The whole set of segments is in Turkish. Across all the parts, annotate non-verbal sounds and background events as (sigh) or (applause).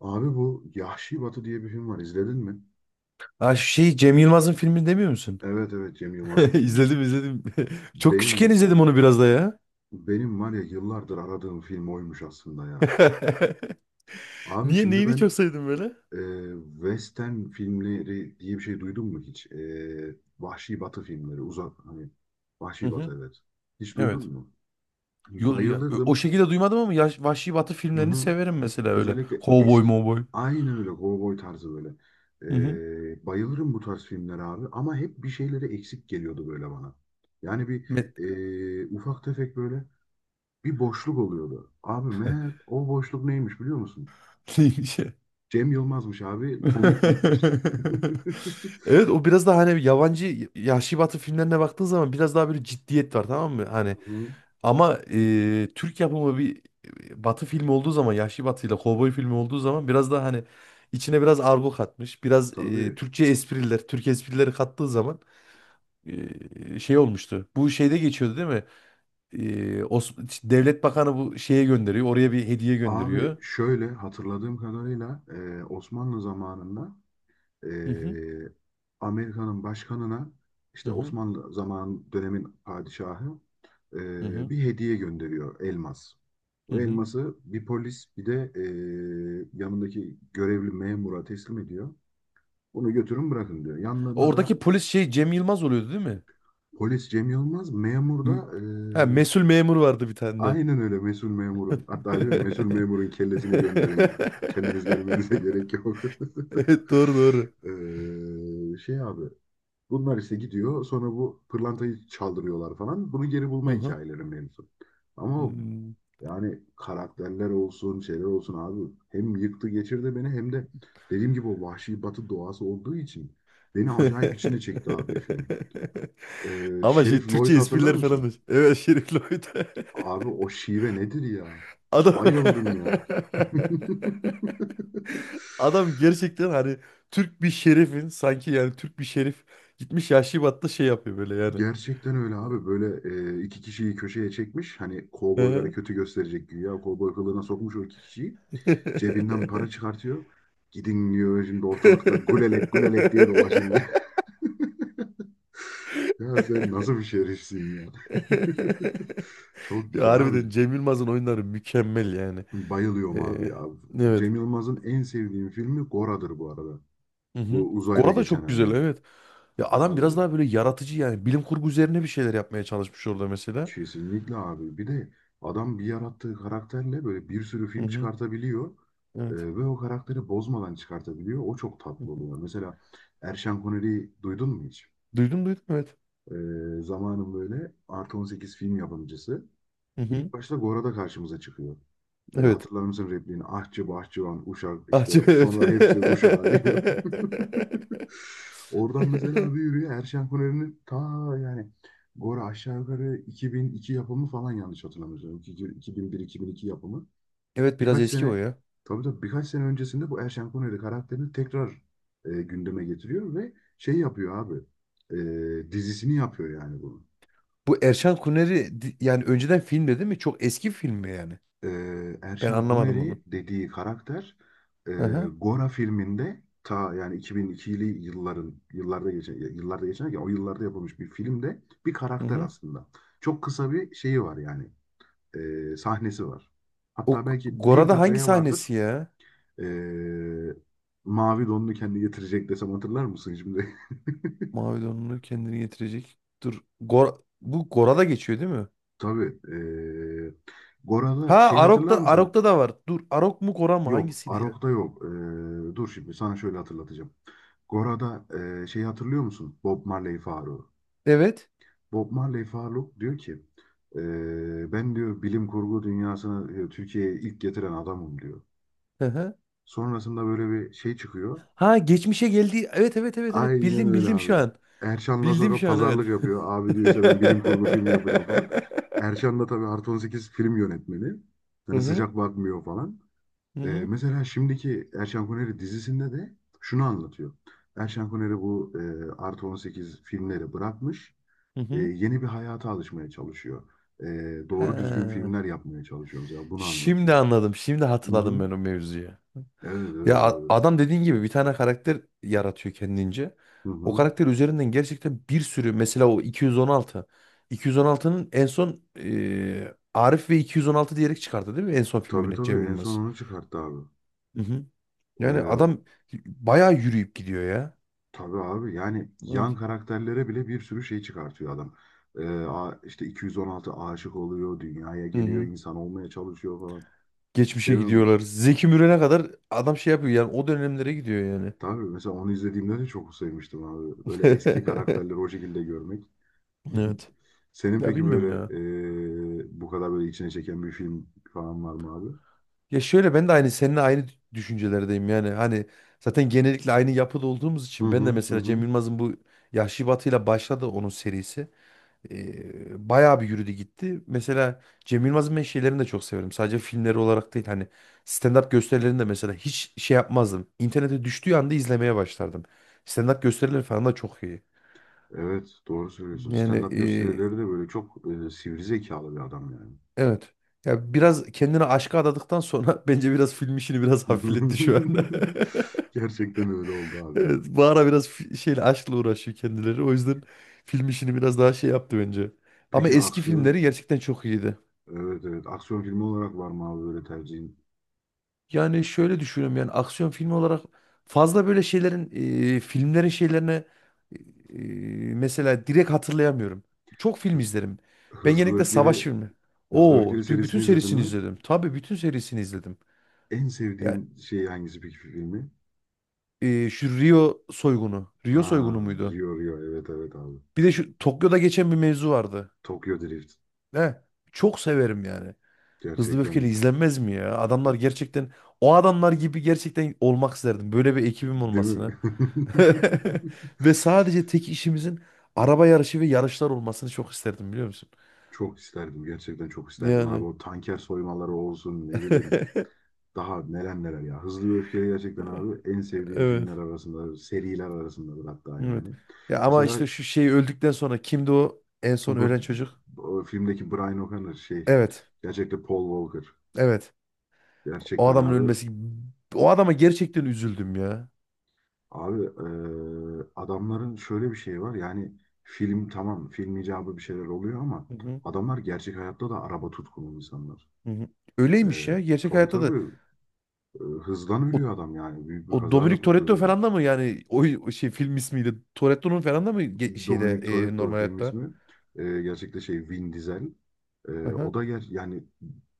Abi bu Yahşi Batı diye bir film var. İzledin mi? Ha şu şey Cem Yılmaz'ın filmini demiyor musun? Evet, evet, Cem Yılmaz'ın (laughs) filmi. İzledim izledim. (laughs) Çok küçükken Benim izledim onu biraz da ya. benim var ya, yıllardır aradığım film oymuş aslında ya. (laughs) Abi Niye şimdi neyini çok ben, sevdin böyle? e, Western filmleri diye bir şey duydun mu hiç? Vahşi Batı filmleri, uzak hani. Hı Vahşi hı. Batı, evet. Hiç duydun Evet. mu? O Bayılırdım. şekilde duymadım ama Vahşi Batı Hı filmlerini hı. severim mesela öyle. Özellikle Cowboy, eski. mowboy. Aynen öyle, kovboy tarzı böyle. Hı hı. Bayılırım bu tarz filmlere abi, ama hep bir şeyleri eksik geliyordu böyle bana. Yani bir Me- ufak tefek, böyle bir boşluk oluyordu. Abi, meğer o boşluk neymiş biliyor musun? (laughs) Neymiş ya? Cem Yılmaz'mış abi, komiklikmiş. (laughs) (laughs) Evet, o biraz daha hani yabancı Vahşi Batı filmlerine baktığın zaman biraz daha böyle ciddiyet var, tamam mı? Hani Hı, ama Türk yapımı bir Batı filmi olduğu zaman, Yahşi Batı ile Kovboy filmi olduğu zaman biraz daha hani içine biraz argo katmış, biraz tabii. Türkçe espriler, Türk esprileri kattığı zaman şey olmuştu. Bu şeyde geçiyordu değil mi? E, Os- işte Devlet Bakanı bu şeye gönderiyor, oraya bir hediye Abi, gönderiyor. şöyle hatırladığım kadarıyla, Osmanlı zamanında, Hı hı, Ee, Amerika'nın başkanına, hı işte hı, Osmanlı zaman dönemin padişahı hı hı, bir hediye gönderiyor, elmas. hı O hı. elması bir polis, bir de yanındaki görevli memura teslim ediyor. Bunu götürün, bırakın diyor. Yanlarına Oradaki da polis şey Cem Yılmaz oluyordu değil mi? polis Cem Yılmaz, memur da M- Ha, mesul memur vardı bir tane de. aynen öyle, mesul memurun, hatta diyor ya, mesul memurun kellesini gönderin. Kendiniz gelmenize (laughs) (laughs) gerek yok. (laughs) Evet, doğru doğru. Şey abi, bunlar ise gidiyor. Sonra bu pırlantayı çaldırıyorlar falan. Bunu geri bulma Aha. hikayeleri mevzu. Ama Hmm. yani karakterler olsun, şeyler olsun abi. Hem yıktı geçirdi beni, hem de dediğim gibi o Vahşi Batı doğası olduğu için beni acayip içine (laughs) çekti abi, film. Ama şey Şerif Türkçe Lloyd'u hatırlar espriler falan mısın? da. Evet, Şerif Lloyd. (laughs) Abi, o şive nedir ya? Adam Bayıldım (laughs) ya. (laughs) adam gerçekten hani Türk bir şerifin, sanki yani Türk bir şerif gitmiş Yahşi Bat'ta şey yapıyor böyle yani. Gerçekten öyle abi, böyle iki kişiyi köşeye çekmiş, hani Hı kovboyları hı. kötü gösterecek güya, kovboy kılığına sokmuş o iki kişiyi, cebinden para (laughs) çıkartıyor, gidin diyor, şimdi ortalıkta gulelek gulelek diye dolaşın diye. (laughs) ya, sen nasıl bir şerifsin ya! (laughs) çok Ya güzel abi, harbiden Cem Yılmaz'ın oyunları mükemmel yani. bayılıyorum abi Ee, ya. evet. Cem Yılmaz'ın en sevdiğim filmi Gora'dır bu arada, Hı hı. bu uzayda Gora da geçen çok güzel, hani evet. Ya adam abi. biraz daha böyle yaratıcı yani. Bilim kurgu üzerine bir şeyler yapmaya çalışmış orada mesela. Kesinlikle abi. Bir de adam, bir yarattığı karakterle böyle bir sürü Hı film hı. çıkartabiliyor. Evet. Ve o karakteri bozmadan çıkartabiliyor. O çok Hı tatlı hı. oluyor. Mesela, Erşen Kuneri'yi duydun mu hiç? Duydum duydum, evet. Ee, Zamanın böyle artı 18 film yapımcısı. Hı hı. İlk başta Gora'da karşımıza çıkıyor. Evet. Hatırlar mısın repliğini? Ahçı, bahçıvan, uşak, işte Acı, evet. sonra hepsi uşağı diyor. (laughs) Oradan mesela abi, yürüyor Erşen Kuneri'nin ta, yani Gora aşağı yukarı 2002 yapımı falan, yanlış hatırlamıyorsam. 2001-2002 yapımı. (laughs) Evet, biraz Birkaç eski o sene ya. Tabii, tabii, birkaç sene öncesinde bu Erşen Kuneri karakterini tekrar gündeme getiriyor ve şey yapıyor abi. Dizisini yapıyor yani bunu. Bu Erşan Kuneri yani önceden filmde değil mi? Çok eski film mi yani? e, Ben Erşan anlamadım onu. Kuneri dediği karakter, e, Hı hı. Gora filminde ta, yani 2002'li yılların, yıllarda geçen, ya o yıllarda yapılmış bir filmde bir Hı karakter hı. aslında. Çok kısa bir şeyi var yani, sahnesi var. O Hatta belki bir Gora'da hangi dakikaya vardır. sahnesi ya? E, Mavi donunu kendi getirecek desem, hatırlar mısın şimdi? Mavi donunu kendini getirecek. Dur. Bu Gora'da geçiyor değil mi? (laughs) Tabii. Ha, Gora'da şey, hatırlar Arok'ta mısın? Arok'ta da var. Dur, Arok mu Gora mı Yok. hangisiydi ya? Arok'ta yok. Dur şimdi, sana şöyle hatırlatacağım. Gora'da şeyi hatırlıyor musun? Bob Marley Faruk. Evet. Bob Marley Faruk diyor ki, ben diyor, bilim kurgu dünyasını, diyor, Türkiye'ye ilk getiren adamım diyor. Hı hı. Sonrasında böyle bir şey çıkıyor. Ha, geçmişe geldi. Evet evet evet evet. Aynen Bildim öyle bildim abi. şu an. Erşan'la Bildim sonra şu an, evet. pazarlık yapıyor. Abi diyor, işte ben bilim (laughs) kurgu filmi yapacağım falan. Erşan da tabii artı 18 film yönetmeni. Hı Hani hı. sıcak bakmıyor falan. Hı hı. Mesela şimdiki Erşen Kuneri dizisinde de şunu anlatıyor. Erşen Kuneri bu, artı 18 filmleri bırakmış. Hı hı. Yeni bir hayata alışmaya çalışıyor. E, doğru düzgün Ha. filmler yapmaya çalışıyor mesela. Bunu Şimdi anlatıyor. anladım. Şimdi hatırladım Hı-hı. ben o mevzuyu. Evet, Ya evet abi. adam dediğin gibi bir tane karakter yaratıyor kendince. O Hı-hı. karakter üzerinden gerçekten bir sürü, mesela o 216. 216'nın en son Arif ve 216 diyerek çıkardı değil mi? En son Tabii, filmini tabii, Cem en son Yılmaz. onu çıkarttı abi. E, Yani adam bayağı yürüyüp gidiyor ya. tabii abi, yani yan Evet. karakterlere bile bir sürü şey çıkartıyor adam. İşte 216 aşık oluyor, dünyaya Hı geliyor, hı. insan olmaya çalışıyor falan. Geçmişe Cemil gidiyorlar. Zeki Müren'e kadar adam şey yapıyor yani o dönemlere gidiyor yani. Tabii, mesela onu izlediğimde de çok sevmiştim abi. Böyle eski karakterleri o (laughs) şekilde görmek. Evet. (laughs) Senin Ya peki böyle, bilmiyorum ya. Bu kadar böyle içine çeken bir film falan var mı abi? Ya şöyle, ben de aynı seninle aynı düşüncelerdeyim yani. Hani zaten genellikle aynı yapıda olduğumuz Hı için, ben de hı hı. mesela Cem Hı. Yılmaz'ın bu Yahşi Batı'yla başladı onun serisi. Bayağı bir yürüdü gitti. Mesela Cem Yılmaz'ın ben şeylerini de çok severim. Sadece filmleri olarak değil hani stand-up gösterilerini de mesela hiç şey yapmazdım. İnternete düştüğü anda izlemeye başlardım. Stand-up gösterileri falan da çok iyi. Evet, doğru söylüyorsun. Yani Stand-up gösterileri de böyle çok, sivri zekalı bir adam yani. evet. Ya biraz kendini aşka adadıktan sonra (laughs) bence biraz film işini biraz hafifletti şu an. (laughs) (laughs) Gerçekten öyle oldu abi ya. Evet, bu ara biraz şeyle aşkla uğraşıyor kendileri. O yüzden film işini biraz daha şey yaptı bence. Ama Peki eski filmleri aksiyon, gerçekten çok iyiydi. evet, evet, aksiyon filmi olarak var mı abi, böyle tercihin? Yani şöyle düşünüyorum yani aksiyon filmi olarak fazla böyle şeylerin filmlerin şeylerine e, mesela direkt hatırlayamıyorum. Çok film izlerim. Ben Hızlı ve genellikle savaş Öfkeli, filmi. Hızlı ve Oo, Öfkeli bütün serisini izledin serisini mi? izledim. Tabii bütün serisini izledim. En Ya sevdiğin şey hangisi peki, filmi? Şu Rio soygunu. Rio Aa, soygunu muydu? Rio, Rio, evet, evet abi. Bir de şu Tokyo'da geçen bir mevzu vardı. Tokyo Drift, Ne? Çok severim yani. Hızlı ve Öfkeli gerçekten izlenmez mi ya? Adamlar gerçekten, o adamlar gibi gerçekten olmak isterdim. Böyle bir ekibim değil mi? olmasını. (laughs) Ve sadece tek işimizin araba yarışı ve yarışlar olmasını çok isterdim, biliyor musun? (laughs) Çok isterdim, gerçekten çok isterdim abi, Yani o tanker soymaları olsun, ne bileyim, (laughs) daha neler neler ya. Hızlı ve Öfkeli gerçekten abi, en sevdiğim evet. filmler arasında, seriler arasındadır hatta Evet. yani. Ya ama Mesela işte şu şey öldükten sonra kimdi o en son bu, ölen çocuk? bu filmdeki Brian O'Connor şey, Evet. gerçekten Paul Walker, Evet. O gerçekten adamın abi. ölmesi. O adama gerçekten üzüldüm ya. Abi, adamların şöyle bir şeyi var yani, film tamam, film icabı bir şeyler oluyor, ama Hı hı, adamlar gerçek hayatta da araba tutkunu insanlar. hı hı. Eee Öyleymiş ya. Gerçek tabii, hayatta da tabii, hızdan o, ölüyor adam, yani büyük bir o kaza Dominic yapıp da Toretto ölüyor. falan da mı yani o şey film ismiydi. Toretto'nun falan da mı şeyde Dominic Toretto normal film hayatta? ismi. Gerçekte şey, Vin Diesel. Hı O hı. da yani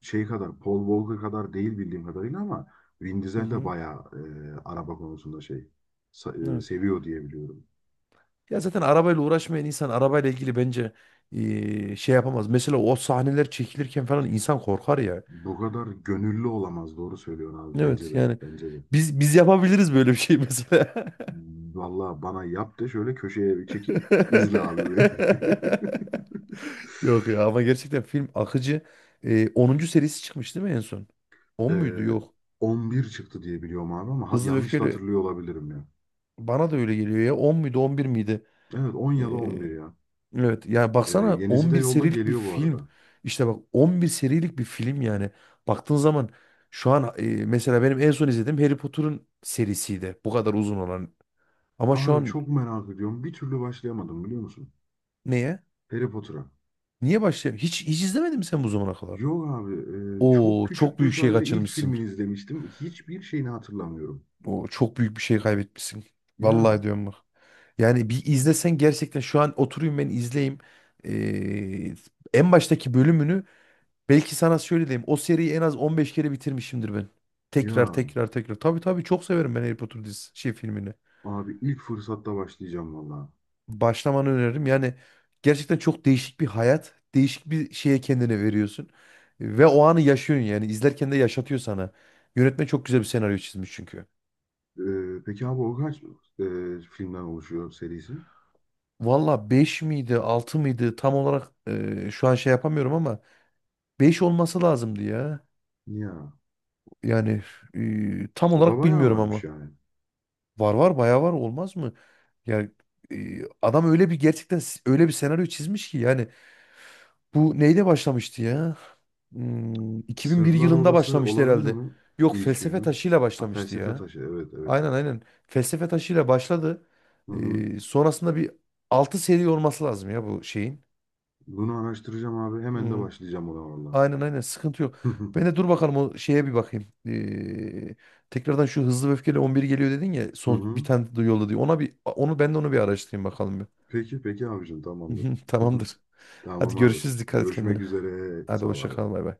şey kadar, Paul Walker kadar değil bildiğim kadarıyla, ama Vin Hı Diesel de hı. bayağı, araba konusunda şey, Evet. seviyor diye biliyorum. Ya zaten arabayla uğraşmayan insan arabayla ilgili bence şey yapamaz. Mesela o sahneler çekilirken falan insan korkar ya. Bu kadar gönüllü olamaz. Doğru söylüyorsun abi. Bence Evet de. yani Bence de. biz yapabiliriz böyle bir şey mesela. Vallahi bana yap de, şöyle köşeye bir çekil, izle (laughs) abi beni. (laughs) Yok ya ama gerçekten film akıcı. 10. serisi çıkmış değil mi en son? 10 muydu? Ee, Yok. 11 çıktı diye biliyorum abi, ama Hızlı ve yanlış da Öfkeli hatırlıyor olabilirim ya. bana da öyle geliyor ya. 10 muydu, 11 miydi? Evet, 10 ya da 11 ya. Evet yani baksana Yenisi de 11 yolda serilik bir geliyor bu film. arada. İşte bak 11 serilik bir film yani. Baktığın zaman şu an, mesela benim en son izlediğim Harry Potter'ın serisiydi. Bu kadar uzun olan. Ama şu Abi an çok merak ediyorum. Bir türlü başlayamadım biliyor musun? neye? Harry Potter'a. Niye başlayayım? Hiç, hiç izlemedin mi sen bu zamana kadar? Yok abi, çok Oo, çok küçüktüm, büyük şey sadece ilk kaçırmışsın. filmini izlemiştim. Hiçbir şeyini hatırlamıyorum. Oo, çok büyük bir şey kaybetmişsin. Vallahi Ya, diyorum bak. Yani bir izlesen gerçekten, şu an oturayım ben izleyeyim. Ee, en baştaki bölümünü belki sana şöyle diyeyim. O seriyi en az 15 kere bitirmişimdir ben. Tekrar ya tekrar tekrar. Tabii tabii çok severim ben Harry Potter dizisi şey filmini. abi, ilk fırsatta başlayacağım vallahi. Başlamanı öneririm. Yani gerçekten çok değişik bir hayat. Değişik bir şeye kendine veriyorsun. Ve o anı yaşıyorsun yani. İzlerken de yaşatıyor sana. Yönetmen çok güzel bir senaryo çizmiş çünkü. Peki abi, o kaç filmden oluşuyor serisi? Valla 5 miydi 6 mıydı tam olarak, şu an şey yapamıyorum ama 5 olması lazımdı ya. Ya, Yani tam o da olarak bayağı bilmiyorum varmış ama. yani. Var var bayağı var, olmaz mı? Ya adam öyle bir gerçekten öyle bir senaryo çizmiş ki yani bu neyle başlamıştı ya? 2001 Sırlar yılında Odası başlamıştı olabilir herhalde. mi? Yok, İlk felsefe filmi. taşıyla Ha, başlamıştı Felsefe ya. Taşı, evet, evet. Aynen aynen. Felsefe taşıyla başladı. Hı hı. Sonrasında bir 6 seri olması lazım ya bu şeyin. Bunu araştıracağım abi. Hemen de Hmm, başlayacağım ona valla. aynen aynen, sıkıntı yok. (laughs) Hı Ben de dur bakalım o şeye bir bakayım. Tekrardan şu hızlı ve öfkeli 11 geliyor dedin ya son bir hı. tane de yolladı diyor. Ona bir onu ben de onu bir araştırayım bakalım. Bir. Peki, peki abicim, tamamdır. (laughs) (laughs) Tamamdır. Hadi Tamam abi. görüşürüz. Dikkat et Görüşmek kendine. üzere. Hadi Sağ ol hoşça abi. kal. Bay bay.